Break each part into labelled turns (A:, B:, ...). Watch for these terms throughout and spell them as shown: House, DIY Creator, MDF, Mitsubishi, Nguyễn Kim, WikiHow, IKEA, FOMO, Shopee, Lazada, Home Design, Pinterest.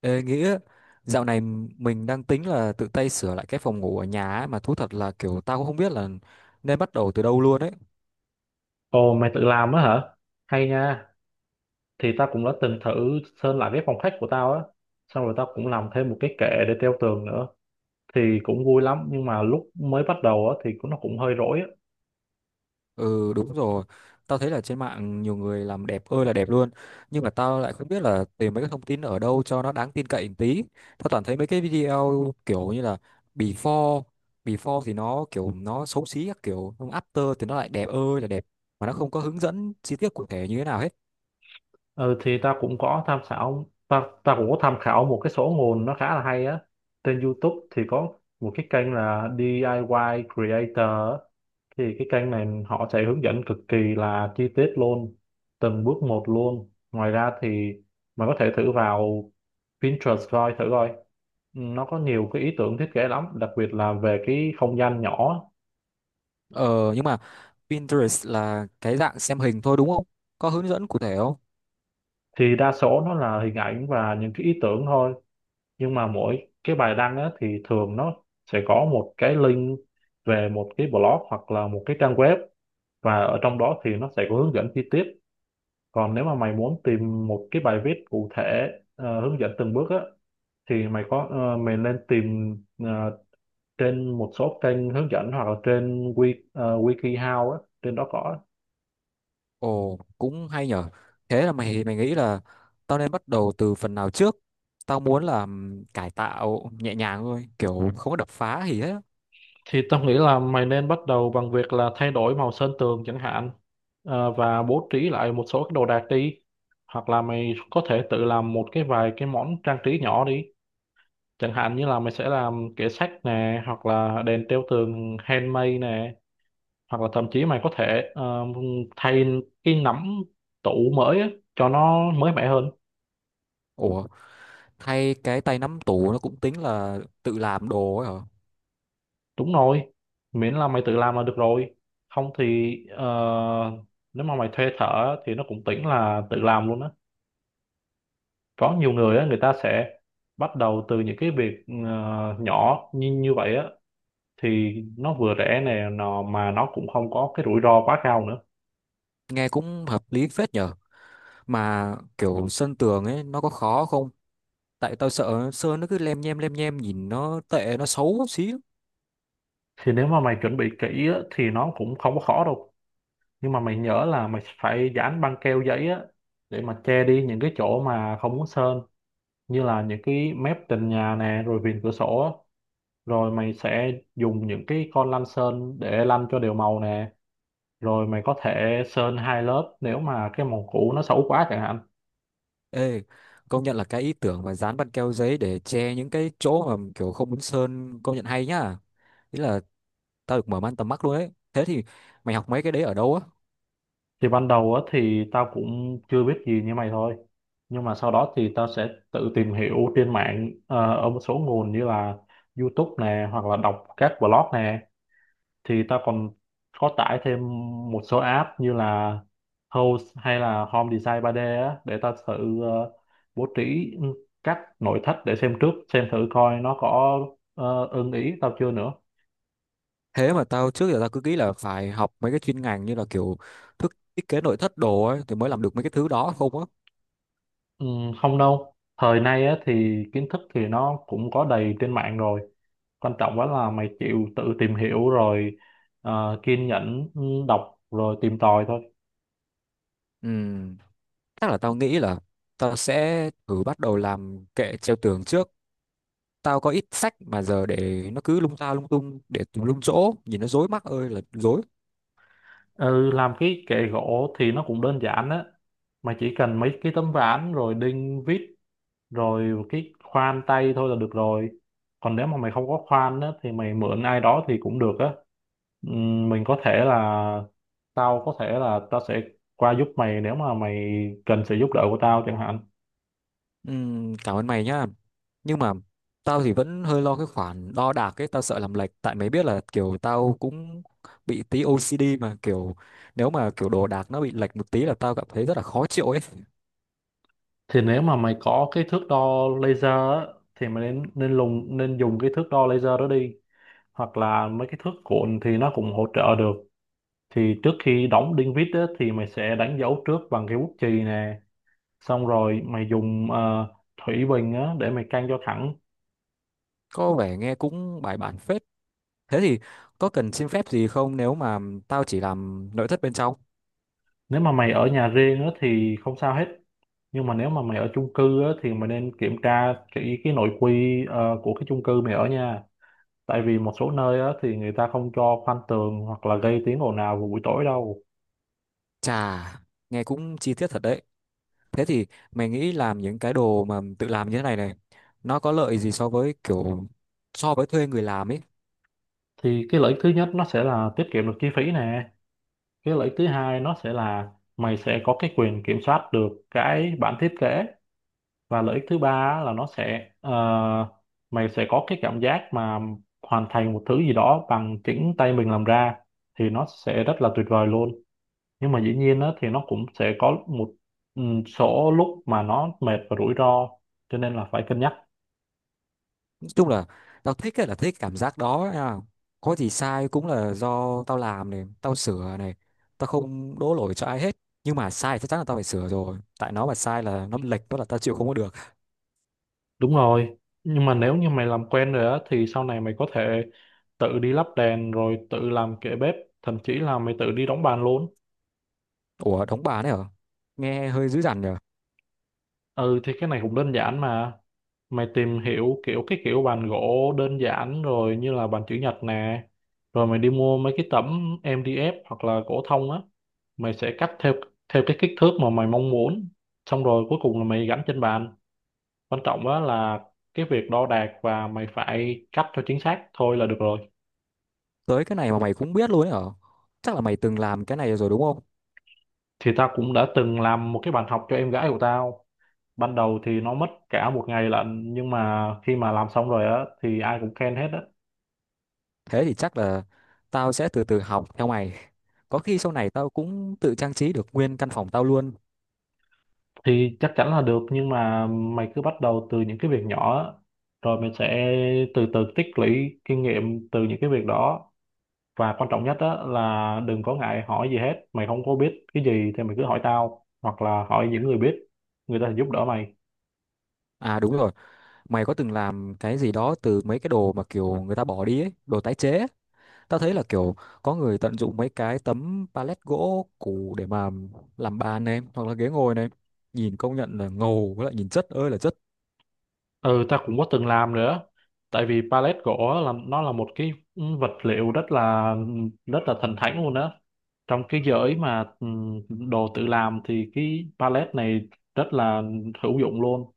A: Ê, nghĩa dạo này mình đang tính là tự tay sửa lại cái phòng ngủ ở nhà ấy, mà thú thật là kiểu tao cũng không biết là nên bắt đầu từ đâu luôn ấy.
B: Ồ, mày tự làm á hả? Hay nha. Thì tao cũng đã từng thử sơn lại cái phòng khách của tao á. Xong rồi tao cũng làm thêm một cái kệ để treo tường nữa. Thì cũng vui lắm nhưng mà lúc mới bắt đầu á thì cũng nó cũng hơi rối á.
A: Ừ, đúng rồi, tao thấy là trên mạng nhiều người làm đẹp ơi là đẹp luôn, nhưng mà tao lại không biết là tìm mấy cái thông tin ở đâu cho nó đáng tin cậy một tí. Tao toàn thấy mấy cái video kiểu như là before, before thì nó kiểu nó xấu xí các kiểu, xong after thì nó lại đẹp ơi là đẹp mà nó không có hướng dẫn chi tiết cụ thể như thế nào hết.
B: Ừ, thì tao cũng có tham khảo tao tao cũng có tham khảo một cái số nguồn nó khá là hay á. Trên YouTube thì có một cái kênh là DIY Creator á. Thì cái kênh này họ sẽ hướng dẫn cực kỳ là chi tiết luôn, từng bước một luôn. Ngoài ra thì mày có thể thử vào Pinterest coi thử coi nó có nhiều cái ý tưởng thiết kế lắm, đặc biệt là về cái không gian nhỏ.
A: Ờ, nhưng mà Pinterest là cái dạng xem hình thôi đúng không? Có hướng dẫn cụ thể không?
B: Thì đa số nó là hình ảnh và những cái ý tưởng thôi, nhưng mà mỗi cái bài đăng á, thì thường nó sẽ có một cái link về một cái blog hoặc là một cái trang web, và ở trong đó thì nó sẽ có hướng dẫn chi tiết. Còn nếu mà mày muốn tìm một cái bài viết cụ thể, hướng dẫn từng bước á, thì mày có mày nên tìm trên một số kênh hướng dẫn hoặc là trên WikiHow á, trên đó có.
A: Ồ, cũng hay nhở. Thế là mày mày nghĩ là tao nên bắt đầu từ phần nào trước? Tao muốn là cải tạo nhẹ nhàng thôi, kiểu không có đập phá gì hết.
B: Thì tao nghĩ là mày nên bắt đầu bằng việc là thay đổi màu sơn tường chẳng hạn, và bố trí lại một số cái đồ đạc đi, hoặc là mày có thể tự làm một cái vài cái món trang trí nhỏ đi, chẳng hạn như là mày sẽ làm kệ sách nè, hoặc là đèn treo tường handmade nè, hoặc là thậm chí mày có thể thay cái nắm tủ mới á, cho nó mới mẻ hơn.
A: Ủa, thay cái tay nắm tủ nó cũng tính là tự làm đồ ấy hả?
B: Đúng rồi, miễn là mày tự làm là được rồi, không thì nếu mà mày thuê thợ thì nó cũng tính là tự làm luôn á. Có nhiều người á, người ta sẽ bắt đầu từ những cái việc nhỏ như như vậy á, thì nó vừa rẻ nè, nó mà nó cũng không có cái rủi ro quá cao nữa.
A: Nghe cũng hợp lý phết nhở. Mà kiểu sơn tường ấy nó có khó không? Tại tao sợ sơn nó cứ lem nhem nhìn nó tệ nó xấu xí.
B: Thì nếu mà mày chuẩn bị kỹ á thì nó cũng không có khó đâu, nhưng mà mày nhớ là mày phải dán băng keo giấy á, để mà che đi những cái chỗ mà không muốn sơn, như là những cái mép tường nhà nè, rồi viền cửa sổ á. Rồi mày sẽ dùng những cái con lăn sơn để lăn cho đều màu nè, rồi mày có thể sơn hai lớp nếu mà cái màu cũ nó xấu quá chẳng hạn.
A: Ê, công nhận là cái ý tưởng mà dán băng keo giấy để che những cái chỗ mà kiểu không muốn sơn công nhận hay nhá. Ý là tao được mở mang tầm mắt luôn ấy. Thế thì mày học mấy cái đấy ở đâu á?
B: Thì ban đầu á thì tao cũng chưa biết gì như mày thôi, nhưng mà sau đó thì tao sẽ tự tìm hiểu trên mạng ở một số nguồn như là YouTube nè, hoặc là đọc các blog nè. Thì tao còn có tải thêm một số app như là House hay là Home Design ba d á, để tao thử bố trí các nội thất để xem trước xem thử coi nó có ưng ý tao chưa nữa.
A: Thế mà tao trước giờ tao cứ nghĩ là phải học mấy cái chuyên ngành như là kiểu thức thiết kế nội thất đồ ấy thì mới làm được mấy cái thứ đó không á.
B: Ừ, không đâu, thời nay á thì kiến thức thì nó cũng có đầy trên mạng rồi, quan trọng quá là mày chịu tự tìm hiểu rồi kiên nhẫn, đọc rồi tìm tòi thôi.
A: Ừ, chắc là tao nghĩ là tao sẽ thử bắt đầu làm kệ treo tường trước. Tao có ít sách mà giờ để nó cứ lung ta lung tung để tùm lum chỗ, nhìn nó rối mắt ơi là rối.
B: Ừ, làm cái kệ gỗ thì nó cũng đơn giản á, mày chỉ cần mấy cái tấm ván rồi đinh vít, rồi một cái khoan tay thôi là được rồi. Còn nếu mà mày không có khoan á thì mày mượn ai đó thì cũng được á. Mình có thể là tao có thể là tao sẽ qua giúp mày nếu mà mày cần sự giúp đỡ của tao chẳng hạn.
A: Cảm ơn mày nhá. Nhưng mà tao thì vẫn hơi lo cái khoản đo đạc ấy, tao sợ làm lệch tại mày biết là kiểu tao cũng bị tí OCD mà kiểu nếu mà kiểu đồ đạc nó bị lệch một tí là tao cảm thấy rất là khó chịu ấy.
B: Thì nếu mà mày có cái thước đo laser á, thì mày nên nên lùng nên dùng cái thước đo laser đó đi, hoặc là mấy cái thước cuộn thì nó cũng hỗ trợ được. Thì trước khi đóng đinh vít á, thì mày sẽ đánh dấu trước bằng cái bút chì nè, xong rồi mày dùng thủy bình á, để mày căng cho thẳng.
A: Có vẻ nghe cũng bài bản phết. Thế thì có cần xin phép gì không nếu mà tao chỉ làm nội thất bên trong?
B: Nếu mà mày ở nhà riêng á, thì không sao hết, nhưng mà nếu mà mày ở chung cư á, thì mày nên kiểm tra kỹ cái nội quy của cái chung cư mày ở nha. Tại vì một số nơi á, thì người ta không cho khoan tường hoặc là gây tiếng ồn ào vào buổi tối đâu.
A: Chà, nghe cũng chi tiết thật đấy. Thế thì mày nghĩ làm những cái đồ mà tự làm như thế này này nó có lợi gì so với kiểu so với thuê người làm ấy?
B: Thì cái lợi ích thứ nhất nó sẽ là tiết kiệm được chi phí nè, cái lợi ích thứ hai nó sẽ là mày sẽ có cái quyền kiểm soát được cái bản thiết kế, và lợi ích thứ ba á, là nó sẽ mày sẽ có cái cảm giác mà hoàn thành một thứ gì đó bằng chính tay mình làm ra, thì nó sẽ rất là tuyệt vời luôn. Nhưng mà dĩ nhiên á, thì nó cũng sẽ có một số lúc mà nó mệt và rủi ro, cho nên là phải cân nhắc.
A: Chung là tao thích ấy là thích cảm giác đó nha, có gì sai cũng là do tao làm này tao sửa này, tao không đổ lỗi cho ai hết, nhưng mà sai chắc chắn là tao phải sửa rồi tại nó mà sai là nó lệch đó là tao chịu không có được.
B: Đúng rồi, nhưng mà nếu như mày làm quen rồi á thì sau này mày có thể tự đi lắp đèn, rồi tự làm kệ bếp, thậm chí là mày tự đi đóng bàn luôn.
A: Ủa, đóng bà đấy hả? Nghe hơi dữ dằn nhở.
B: Ừ, thì cái này cũng đơn giản mà. Mày tìm hiểu kiểu cái kiểu bàn gỗ đơn giản rồi, như là bàn chữ nhật nè. Rồi mày đi mua mấy cái tấm MDF hoặc là gỗ thông á, mày sẽ cắt theo theo cái kích thước mà mày mong muốn. Xong rồi cuối cùng là mày gắn trên bàn. Quan trọng á là cái việc đo đạc và mày phải cắt cho chính xác thôi là được rồi.
A: Tới cái này mà mày cũng biết luôn đấy hả? Chắc là mày từng làm cái này rồi đúng không?
B: Thì tao cũng đã từng làm một cái bàn học cho em gái của tao, ban đầu thì nó mất cả một ngày lận, nhưng mà khi mà làm xong rồi á thì ai cũng khen hết á.
A: Thế thì chắc là tao sẽ từ từ học theo mày, có khi sau này tao cũng tự trang trí được nguyên căn phòng tao luôn.
B: Thì chắc chắn là được, nhưng mà mày cứ bắt đầu từ những cái việc nhỏ á, rồi mình sẽ từ từ tích lũy kinh nghiệm từ những cái việc đó. Và quan trọng nhất á là đừng có ngại hỏi gì hết, mày không có biết cái gì thì mày cứ hỏi tao hoặc là hỏi những người biết, người ta sẽ giúp đỡ mày.
A: À, đúng rồi, mày có từng làm cái gì đó từ mấy cái đồ mà kiểu người ta bỏ đi ấy, đồ tái chế ấy. Tao thấy là kiểu có người tận dụng mấy cái tấm pallet gỗ cũ để mà làm bàn này hoặc là ghế ngồi này. Nhìn công nhận là ngầu với lại nhìn chất ơi là chất.
B: Ừ, ta cũng có từng làm nữa. Tại vì pallet gỗ là nó là một cái vật liệu rất là thần thánh luôn đó. Trong cái giới mà đồ tự làm thì cái pallet này rất là hữu dụng luôn.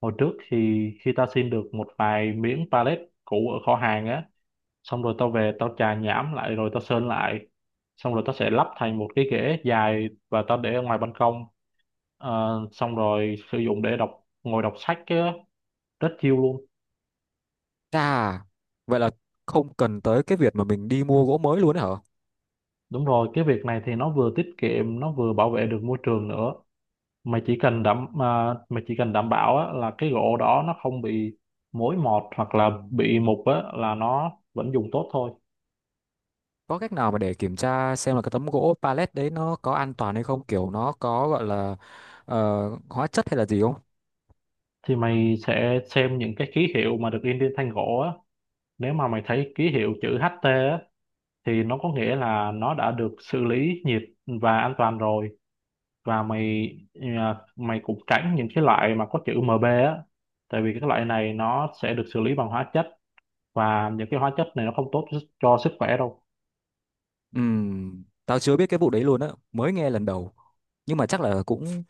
B: Hồi trước thì khi ta xin được một vài miếng pallet cũ ở kho hàng á, xong rồi tao về tao chà nhãm lại rồi tao sơn lại. Xong rồi tao sẽ lắp thành một cái ghế dài và tao để ở ngoài ban công. Xong rồi sử dụng để ngồi đọc sách á, rất chill luôn.
A: Chà, vậy là không cần tới cái việc mà mình đi mua gỗ mới luôn ấy hả?
B: Đúng rồi, cái việc này thì nó vừa tiết kiệm, nó vừa bảo vệ được môi trường nữa. Mà chỉ cần đảm bảo á, là cái gỗ đó nó không bị mối mọt hoặc là bị mục á, là nó vẫn dùng tốt thôi.
A: Có cách nào mà để kiểm tra xem là cái tấm gỗ pallet đấy nó có an toàn hay không? Kiểu nó có gọi là hóa chất hay là gì không?
B: Thì mày sẽ xem những cái ký hiệu mà được in trên thanh gỗ á. Nếu mà mày thấy ký hiệu chữ HT á, thì nó có nghĩa là nó đã được xử lý nhiệt và an toàn rồi. Và mày cũng tránh những cái loại mà có chữ MB á. Tại vì cái loại này nó sẽ được xử lý bằng hóa chất, và những cái hóa chất này nó không tốt cho sức khỏe đâu.
A: Tao chưa biết cái vụ đấy luôn á, mới nghe lần đầu, nhưng mà chắc là cũng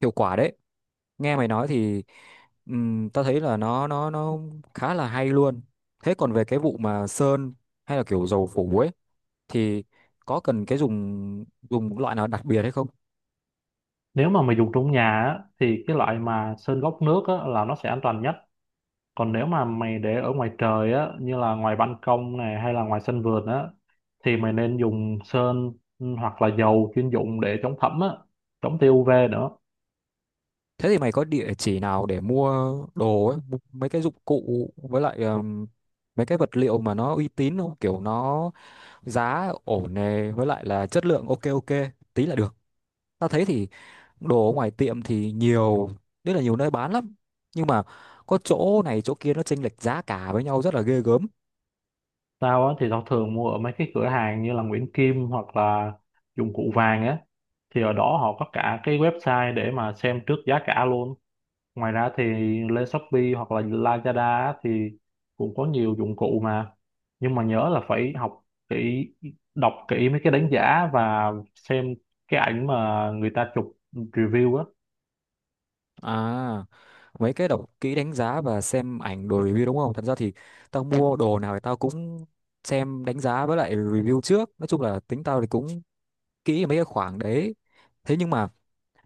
A: hiệu quả đấy. Nghe mày nói thì tao thấy là nó khá là hay luôn. Thế còn về cái vụ mà sơn hay là kiểu dầu phủ ấy thì có cần cái dùng dùng loại nào đặc biệt hay không?
B: Nếu mà mày dùng trong nhà á, thì cái loại mà sơn gốc nước á, là nó sẽ an toàn nhất. Còn nếu mà mày để ở ngoài trời á, như là ngoài ban công này hay là ngoài sân vườn á, thì mày nên dùng sơn hoặc là dầu chuyên dụng để chống thấm á, chống tia UV nữa.
A: Thế thì mày có địa chỉ nào để mua đồ ấy, mua mấy cái dụng cụ với lại mấy cái vật liệu mà nó uy tín không, kiểu nó giá ổn nè với lại là chất lượng ok ok tí là được. Tao thấy thì đồ ở ngoài tiệm thì nhiều, rất là nhiều nơi bán lắm, nhưng mà có chỗ này chỗ kia nó chênh lệch giá cả với nhau rất là ghê gớm.
B: Tao á, thì tao thường mua ở mấy cái cửa hàng như là Nguyễn Kim, hoặc là dụng cụ vàng á, thì ở đó họ có cả cái website để mà xem trước giá cả luôn. Ngoài ra thì lên Shopee hoặc là Lazada á thì cũng có nhiều dụng cụ mà, nhưng mà nhớ là phải học kỹ đọc kỹ mấy cái đánh giá và xem cái ảnh mà người ta chụp review á.
A: À, mấy cái đọc kỹ đánh giá và xem ảnh đồ review đúng không? Thật ra thì tao mua đồ nào thì tao cũng xem đánh giá với lại review trước, nói chung là tính tao thì cũng kỹ ở mấy cái khoảng đấy. Thế nhưng mà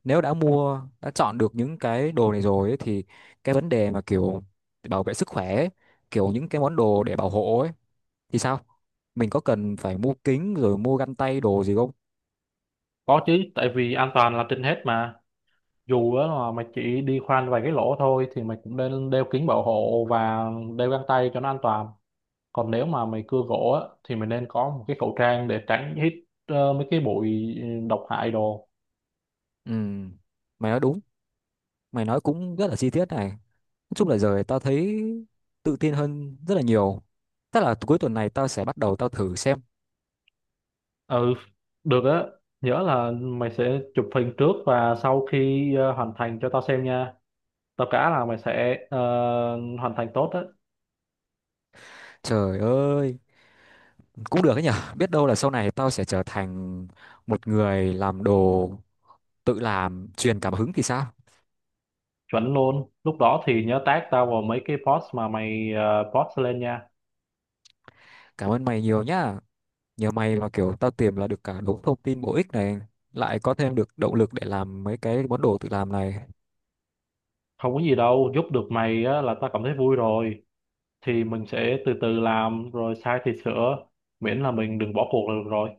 A: nếu đã mua đã chọn được những cái đồ này rồi ấy, thì cái vấn đề mà kiểu bảo vệ sức khỏe ấy, kiểu những cái món đồ để bảo hộ ấy thì sao, mình có cần phải mua kính rồi mua găng tay đồ gì không?
B: Có chứ, tại vì an toàn là trên hết mà. Dù á là mày chỉ đi khoan vài cái lỗ thôi thì mày cũng nên đeo kính bảo hộ và đeo găng tay cho nó an toàn. Còn nếu mà mày cưa gỗ á thì mày nên có một cái khẩu trang để tránh hít mấy cái bụi độc hại đồ.
A: Ừ, mày nói đúng, mày nói cũng rất là chi tiết này. Nói chung là giờ tao thấy tự tin hơn rất là nhiều, tức là cuối tuần này tao sẽ bắt đầu tao thử xem.
B: Ừ, được á. Nhớ là mày sẽ chụp hình trước và sau khi hoàn thành cho tao xem nha. Tao cá là mày sẽ hoàn thành tốt á,
A: Trời ơi, cũng được ấy nhở, biết đâu là sau này tao sẽ trở thành một người làm đồ tự làm truyền cảm hứng thì sao.
B: chuẩn luôn. Lúc đó thì nhớ tag tao vào mấy cái post mà mày post lên nha.
A: Cảm ơn mày nhiều nhá, nhờ mày mà kiểu tao tìm là được cả đống thông tin bổ ích này, lại có thêm được động lực để làm mấy cái món đồ tự làm này.
B: Không có gì đâu, giúp được mày á, là tao cảm thấy vui rồi. Thì mình sẽ từ từ làm, rồi sai thì sửa. Miễn là mình đừng bỏ cuộc là được rồi.